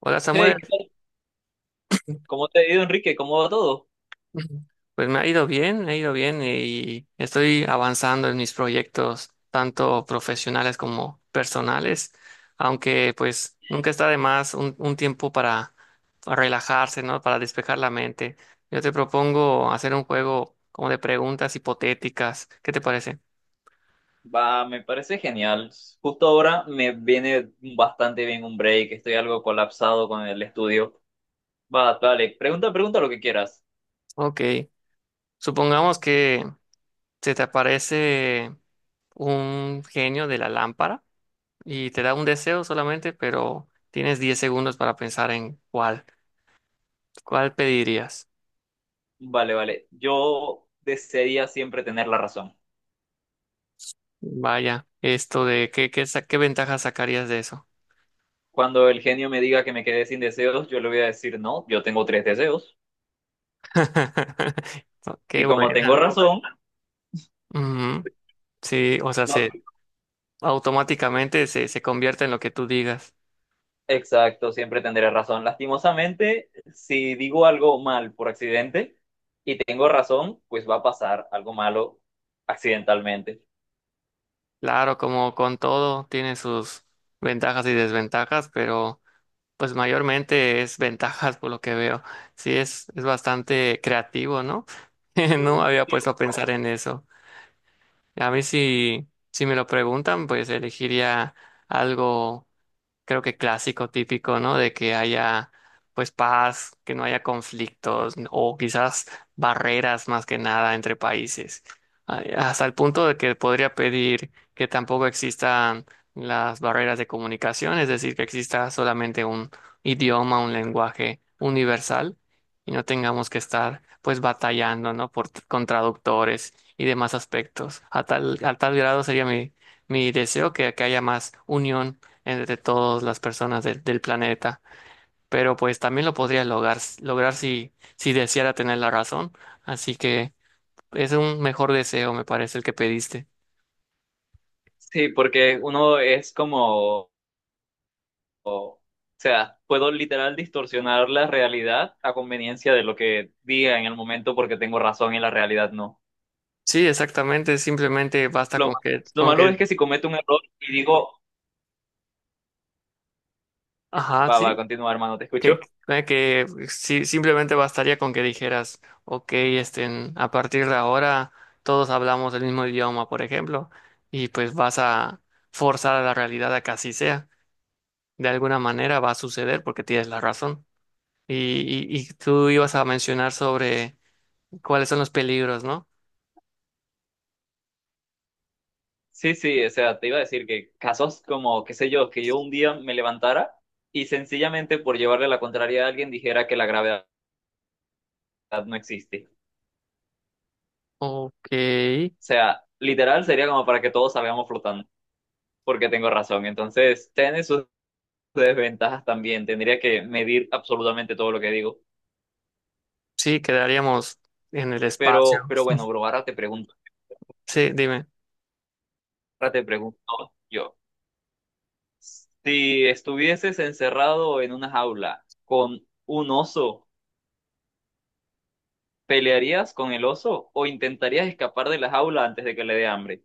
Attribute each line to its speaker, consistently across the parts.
Speaker 1: Hola Samuel,
Speaker 2: Hey, ¿qué tal? ¿Cómo te ha ido, Enrique? ¿Cómo va todo?
Speaker 1: pues me ha ido bien, me ha ido bien y estoy avanzando en mis proyectos, tanto profesionales como personales, aunque pues nunca está de más un tiempo para relajarse, ¿no? Para despejar la mente. Yo te propongo hacer un juego como de preguntas hipotéticas, ¿qué te parece?
Speaker 2: Va, me parece genial. Justo ahora me viene bastante bien un break. Estoy algo colapsado con el estudio. Va, vale. Pregunta, pregunta lo que quieras.
Speaker 1: Ok, supongamos que se te aparece un genio de la lámpara. Y te da un deseo solamente, pero tienes 10 segundos para pensar en cuál, cuál pedirías.
Speaker 2: Vale, vale. Yo desearía siempre tener la razón.
Speaker 1: Vaya, esto de qué ventajas sacarías de eso.
Speaker 2: Cuando el genio me diga que me quedé sin deseos, yo le voy a decir no, yo tengo tres deseos. Y
Speaker 1: Qué
Speaker 2: como tengo
Speaker 1: buena.
Speaker 2: razón,
Speaker 1: Ujú. Sí, o sea,
Speaker 2: no.
Speaker 1: se automáticamente se convierte en lo que tú digas.
Speaker 2: Exacto, siempre tendré razón. Lastimosamente, si digo algo mal por accidente y tengo razón, pues va a pasar algo malo accidentalmente.
Speaker 1: Claro, como con todo, tiene sus ventajas y desventajas, pero pues mayormente es ventajas por lo que veo. Sí, es bastante creativo, ¿no? No me había puesto a pensar en eso. A mí si me lo preguntan, pues elegiría algo creo que clásico, típico, ¿no? De que haya pues paz, que no haya conflictos o quizás barreras más que nada entre países. Ay, hasta el punto de que podría pedir que tampoco existan las barreras de comunicación, es decir, que exista solamente un idioma, un lenguaje universal y no tengamos que estar pues batallando, ¿no? Por, con traductores y demás aspectos. A tal grado sería mi, mi deseo que haya más unión entre todas las personas del del planeta. Pero pues también lo podría lograr si deseara tener la razón. Así que es un mejor deseo, me parece, el que pediste.
Speaker 2: Sí, porque uno es como, o sea, puedo literal distorsionar la realidad a conveniencia de lo que diga en el momento porque tengo razón y la realidad no.
Speaker 1: Sí, exactamente. Simplemente basta
Speaker 2: Lo,
Speaker 1: con
Speaker 2: ma-
Speaker 1: que,
Speaker 2: lo
Speaker 1: con
Speaker 2: malo es
Speaker 1: que,
Speaker 2: que si cometo un error y digo,
Speaker 1: ajá,
Speaker 2: va, va,
Speaker 1: sí,
Speaker 2: continúa, hermano, te
Speaker 1: que,
Speaker 2: escucho.
Speaker 1: que sí, simplemente bastaría con que dijeras, ok, este, a partir de ahora todos hablamos el mismo idioma, por ejemplo, y pues vas a forzar a la realidad a que así sea. De alguna manera va a suceder porque tienes la razón. Y, y tú ibas a mencionar sobre cuáles son los peligros, ¿no?
Speaker 2: Sí, sí, o sea, te iba a decir que casos como, qué sé yo, que yo un día me levantara y sencillamente por llevarle la contraria a alguien dijera que la gravedad no existe.
Speaker 1: Ok,
Speaker 2: O sea, literal sería como para que todos salgamos flotando, porque tengo razón. Entonces, tiene sus desventajas también, tendría que medir absolutamente todo lo que digo.
Speaker 1: sí, quedaríamos en el espacio.
Speaker 2: Pero bueno, bro, ahora te pregunto,
Speaker 1: Sí, dime.
Speaker 2: yo, si estuvieses encerrado en una jaula con un oso. ¿Pelearías con el oso o intentarías escapar de la jaula antes de que le dé hambre?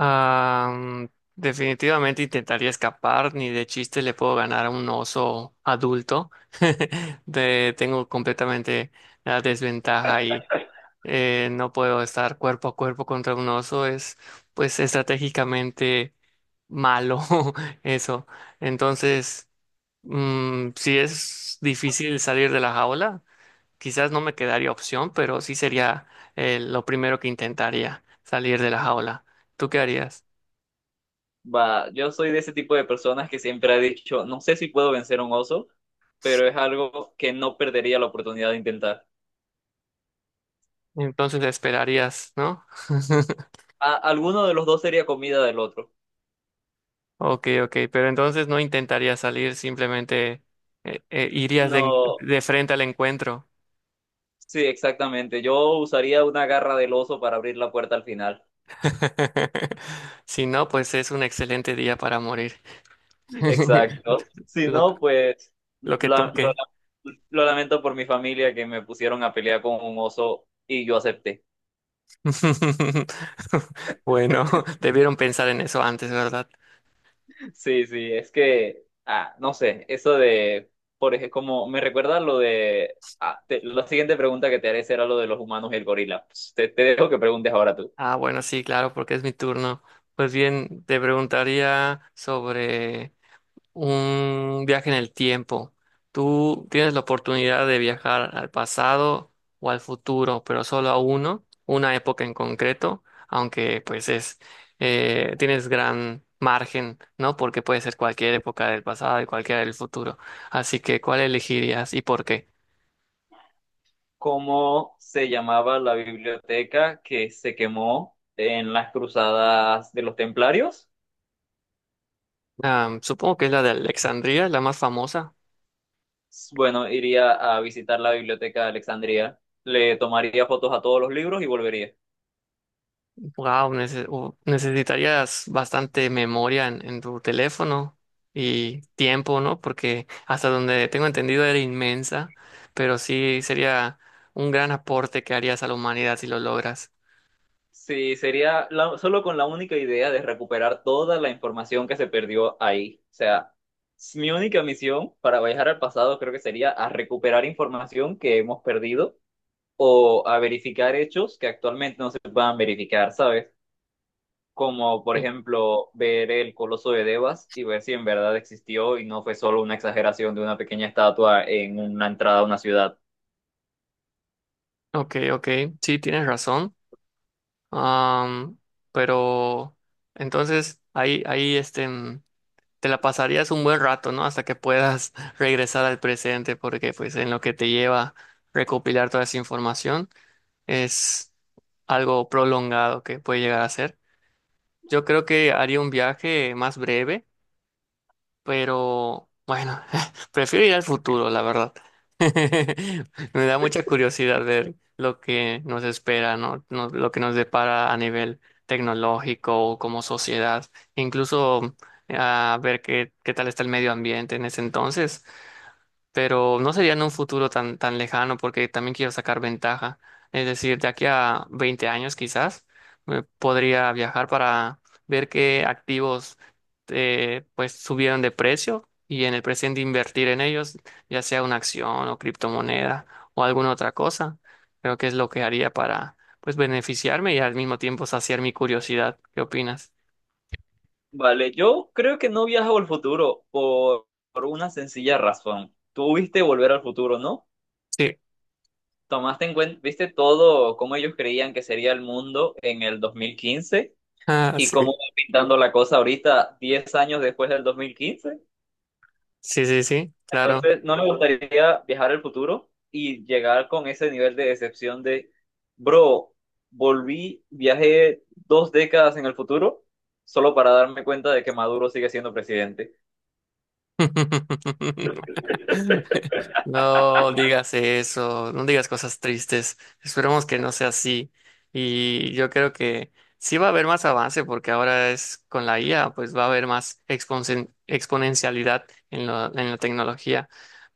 Speaker 1: Ah, definitivamente intentaría escapar, ni de chiste le puedo ganar a un oso adulto. De- tengo completamente la desventaja ahí. No puedo estar cuerpo a cuerpo contra un oso, es pues estratégicamente malo eso. Entonces... Mm, si es difícil salir de la jaula, quizás no me quedaría opción, pero sí sería lo primero que intentaría, salir de la jaula. ¿Tú qué harías?
Speaker 2: Va, yo soy de ese tipo de personas que siempre ha dicho, no sé si puedo vencer a un oso, pero es algo que no perdería la oportunidad de intentar.
Speaker 1: Entonces esperarías, ¿no?
Speaker 2: Alguno de los dos sería comida del otro.
Speaker 1: Ok, ok, pero entonces no intentarías salir, simplemente irías de, en-
Speaker 2: No,
Speaker 1: de frente al encuentro.
Speaker 2: sí, exactamente. Yo usaría una garra del oso para abrir la puerta al final.
Speaker 1: Si no, pues es un excelente día para morir.
Speaker 2: Exacto. Si
Speaker 1: Lo,
Speaker 2: no, pues
Speaker 1: lo que
Speaker 2: la- lo
Speaker 1: toque.
Speaker 2: lo lamento por mi familia que me pusieron a pelear con un oso y yo acepté.
Speaker 1: Bueno, debieron pensar en eso antes, ¿verdad?
Speaker 2: Sí, sí, es que, no sé, eso de, por ejemplo, como me recuerda lo de, la siguiente pregunta que te haré será lo de los humanos y el gorila. Pues, te dejo que preguntes ahora tú.
Speaker 1: Ah, bueno, sí, claro, porque es mi turno. Pues bien, te preguntaría sobre un viaje en el tiempo. Tú tienes la oportunidad de viajar al pasado o al futuro, pero solo a uno, una época en concreto, aunque tienes gran margen, ¿no? Porque puede ser cualquier época del pasado y cualquiera del futuro. Así que, ¿cuál elegirías y por qué?
Speaker 2: ¿Cómo se llamaba la biblioteca que se quemó en las cruzadas de los templarios?
Speaker 1: Ah, supongo que es la de Alexandria, la más famosa.
Speaker 2: Bueno, iría a visitar la biblioteca de Alejandría, le tomaría fotos a todos los libros y volvería.
Speaker 1: Wow, necesitarías bastante memoria en tu teléfono y tiempo, ¿no? Porque hasta donde tengo entendido era inmensa, pero sí sería un gran aporte que harías a la humanidad si lo logras.
Speaker 2: Sí, sería solo con la única idea de recuperar toda la información que se perdió ahí. O sea, mi única misión para viajar al pasado creo que sería a recuperar información que hemos perdido o a verificar hechos que actualmente no se puedan verificar, ¿sabes? Como por
Speaker 1: Sí.
Speaker 2: ejemplo ver el Coloso de Devas y ver si en verdad existió y no fue solo una exageración de una pequeña estatua en una entrada a una ciudad.
Speaker 1: Ok, ok, sí, tienes razón. Am, pero entonces ahí, ahí este. Mm, te la pasarías un buen rato, ¿no? Hasta que puedas regresar al presente, porque pues en lo que te lleva recopilar toda esa información es algo prolongado que puede llegar a ser. Yo creo que haría un viaje más breve pero bueno, prefiero ir al futuro, la verdad. Me da mucha curiosidad ver lo que nos espera, ¿no? No- Lo que nos depara a nivel tecnológico o como sociedad, incluso a ver qué, qué tal está el medio ambiente en ese entonces pero no sería en un futuro tan lejano porque también quiero sacar ventaja. Es decir, de aquí a 20 años quizás me podría viajar para ver qué activos pues subieron de precio y en el presente invertir en ellos, ya sea una acción o criptomoneda o alguna otra cosa. Creo que es lo que haría para pues beneficiarme y al mismo tiempo saciar mi curiosidad. ¿Qué opinas?
Speaker 2: Vale, yo creo que no viajo al futuro por una sencilla razón. Tú viste Volver al Futuro, ¿no?
Speaker 1: Sí.
Speaker 2: Tomaste en cuenta, viste todo cómo ellos creían que sería el mundo en el 2015
Speaker 1: Ah,
Speaker 2: y cómo
Speaker 1: sí.
Speaker 2: va pintando la cosa ahorita, 10 años después del 2015.
Speaker 1: Sí, sí, sí, claro.
Speaker 2: Entonces, no me gustaría viajar al futuro y llegar con ese nivel de decepción de, bro, volví, viajé 2 décadas en el futuro solo para darme cuenta de que Maduro sigue siendo presidente.
Speaker 1: No digas eso, no digas cosas tristes. Esperemos que no sea así. Y yo creo que sí va a haber más avance porque ahora es con la IA, pues va a haber más exponen- exponencialidad en la tecnología.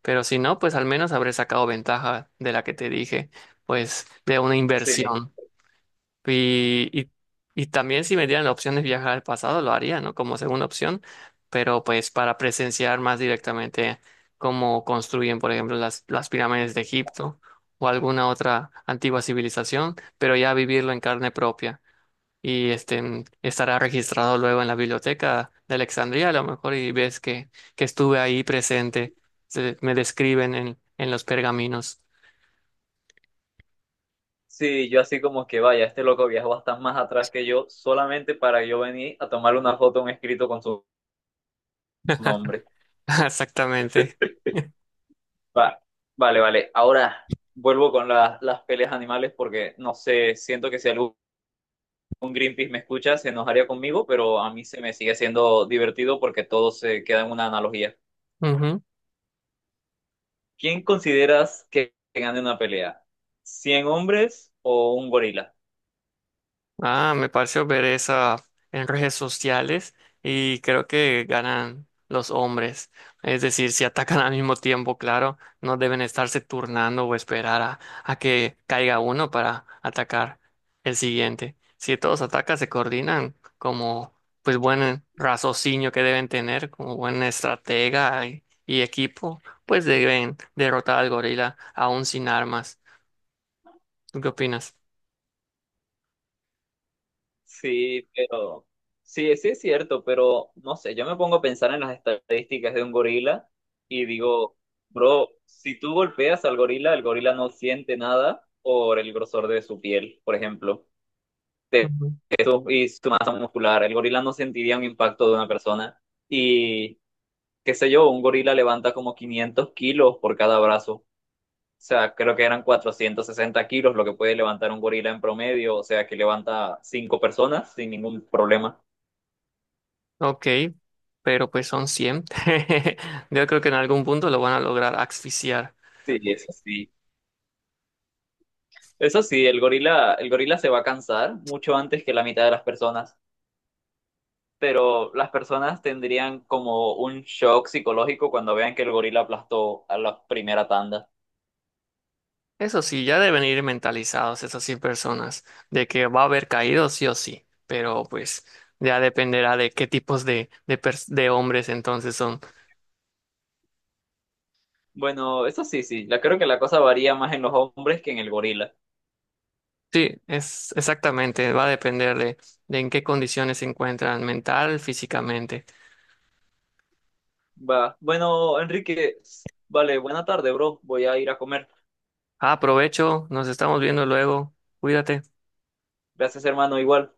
Speaker 1: Pero si no, pues al menos habré sacado ventaja de la que te dije, pues de una
Speaker 2: Sí.
Speaker 1: inversión. Y, y, y también si me dieran la opción de viajar al pasado, lo haría, ¿no? Como segunda opción, pero pues para presenciar más directamente cómo construyen, por ejemplo, las pirámides de Egipto o alguna otra antigua civilización, pero ya vivirlo en carne propia. Y este estará registrado luego en la biblioteca de Alejandría, a lo mejor, y ves que estuve ahí presente. Se- me describen en los pergaminos.
Speaker 2: Sí, yo así como que vaya, este loco viajó hasta más atrás que yo, solamente para yo venir a tomarle una foto a un escrito con su nombre.
Speaker 1: Exactamente.
Speaker 2: Va, vale, vale. Ahora vuelvo con las peleas animales porque no sé, siento que si algún Greenpeace me escucha se enojaría conmigo, pero a mí se me sigue siendo divertido porque todo se queda en una analogía.
Speaker 1: Ujú.
Speaker 2: ¿Quién consideras que gane una pelea? ¿100 hombres o un gorila?
Speaker 1: Ah, me pareció ver esa en redes sociales y creo que ganan los hombres. Es decir, si atacan al mismo tiempo, claro, no deben estarse turnando o esperar a que caiga uno para atacar el siguiente. Si todos atacan, se coordinan como pues buen raciocinio que deben tener, como buen estratega y equipo, pues deben derrotar al gorila aún sin armas. ¿Tú qué opinas?
Speaker 2: Sí, pero sí, sí es cierto, pero no sé, yo me pongo a pensar en las estadísticas de un gorila y digo, bro, si tú golpeas al gorila, el gorila no siente nada por el grosor de su piel, por ejemplo, de
Speaker 1: Ujú.
Speaker 2: eso y su masa muscular. El gorila no sentiría un impacto de una persona y qué sé yo, un gorila levanta como 500 kilos por cada brazo. O sea, creo que eran 460 kilos lo que puede levantar un gorila en promedio, o sea, que levanta cinco personas sin ningún problema.
Speaker 1: Ok, pero pues son 100 Yo creo que en algún punto lo van a lograr asfixiar.
Speaker 2: Sí, eso sí. Eso sí, el gorila se va a cansar mucho antes que la mitad de las personas, pero las personas tendrían como un shock psicológico cuando vean que el gorila aplastó a la primera tanda.
Speaker 1: Eso sí, ya deben ir mentalizados esas 100 personas de que va a haber caídos sí o sí, pero pues ya dependerá de qué tipos pers- de hombres entonces son.
Speaker 2: Bueno, eso sí, sí, la creo que la cosa varía más en los hombres que en el gorila.
Speaker 1: Sí, es exactamente, va a depender de en qué condiciones se encuentran mental, físicamente.
Speaker 2: Va. Bueno, Enrique, vale, buena tarde, bro. Voy a ir a comer.
Speaker 1: Ah, aprovecho, nos estamos viendo luego, cuídate.
Speaker 2: Gracias, hermano, igual.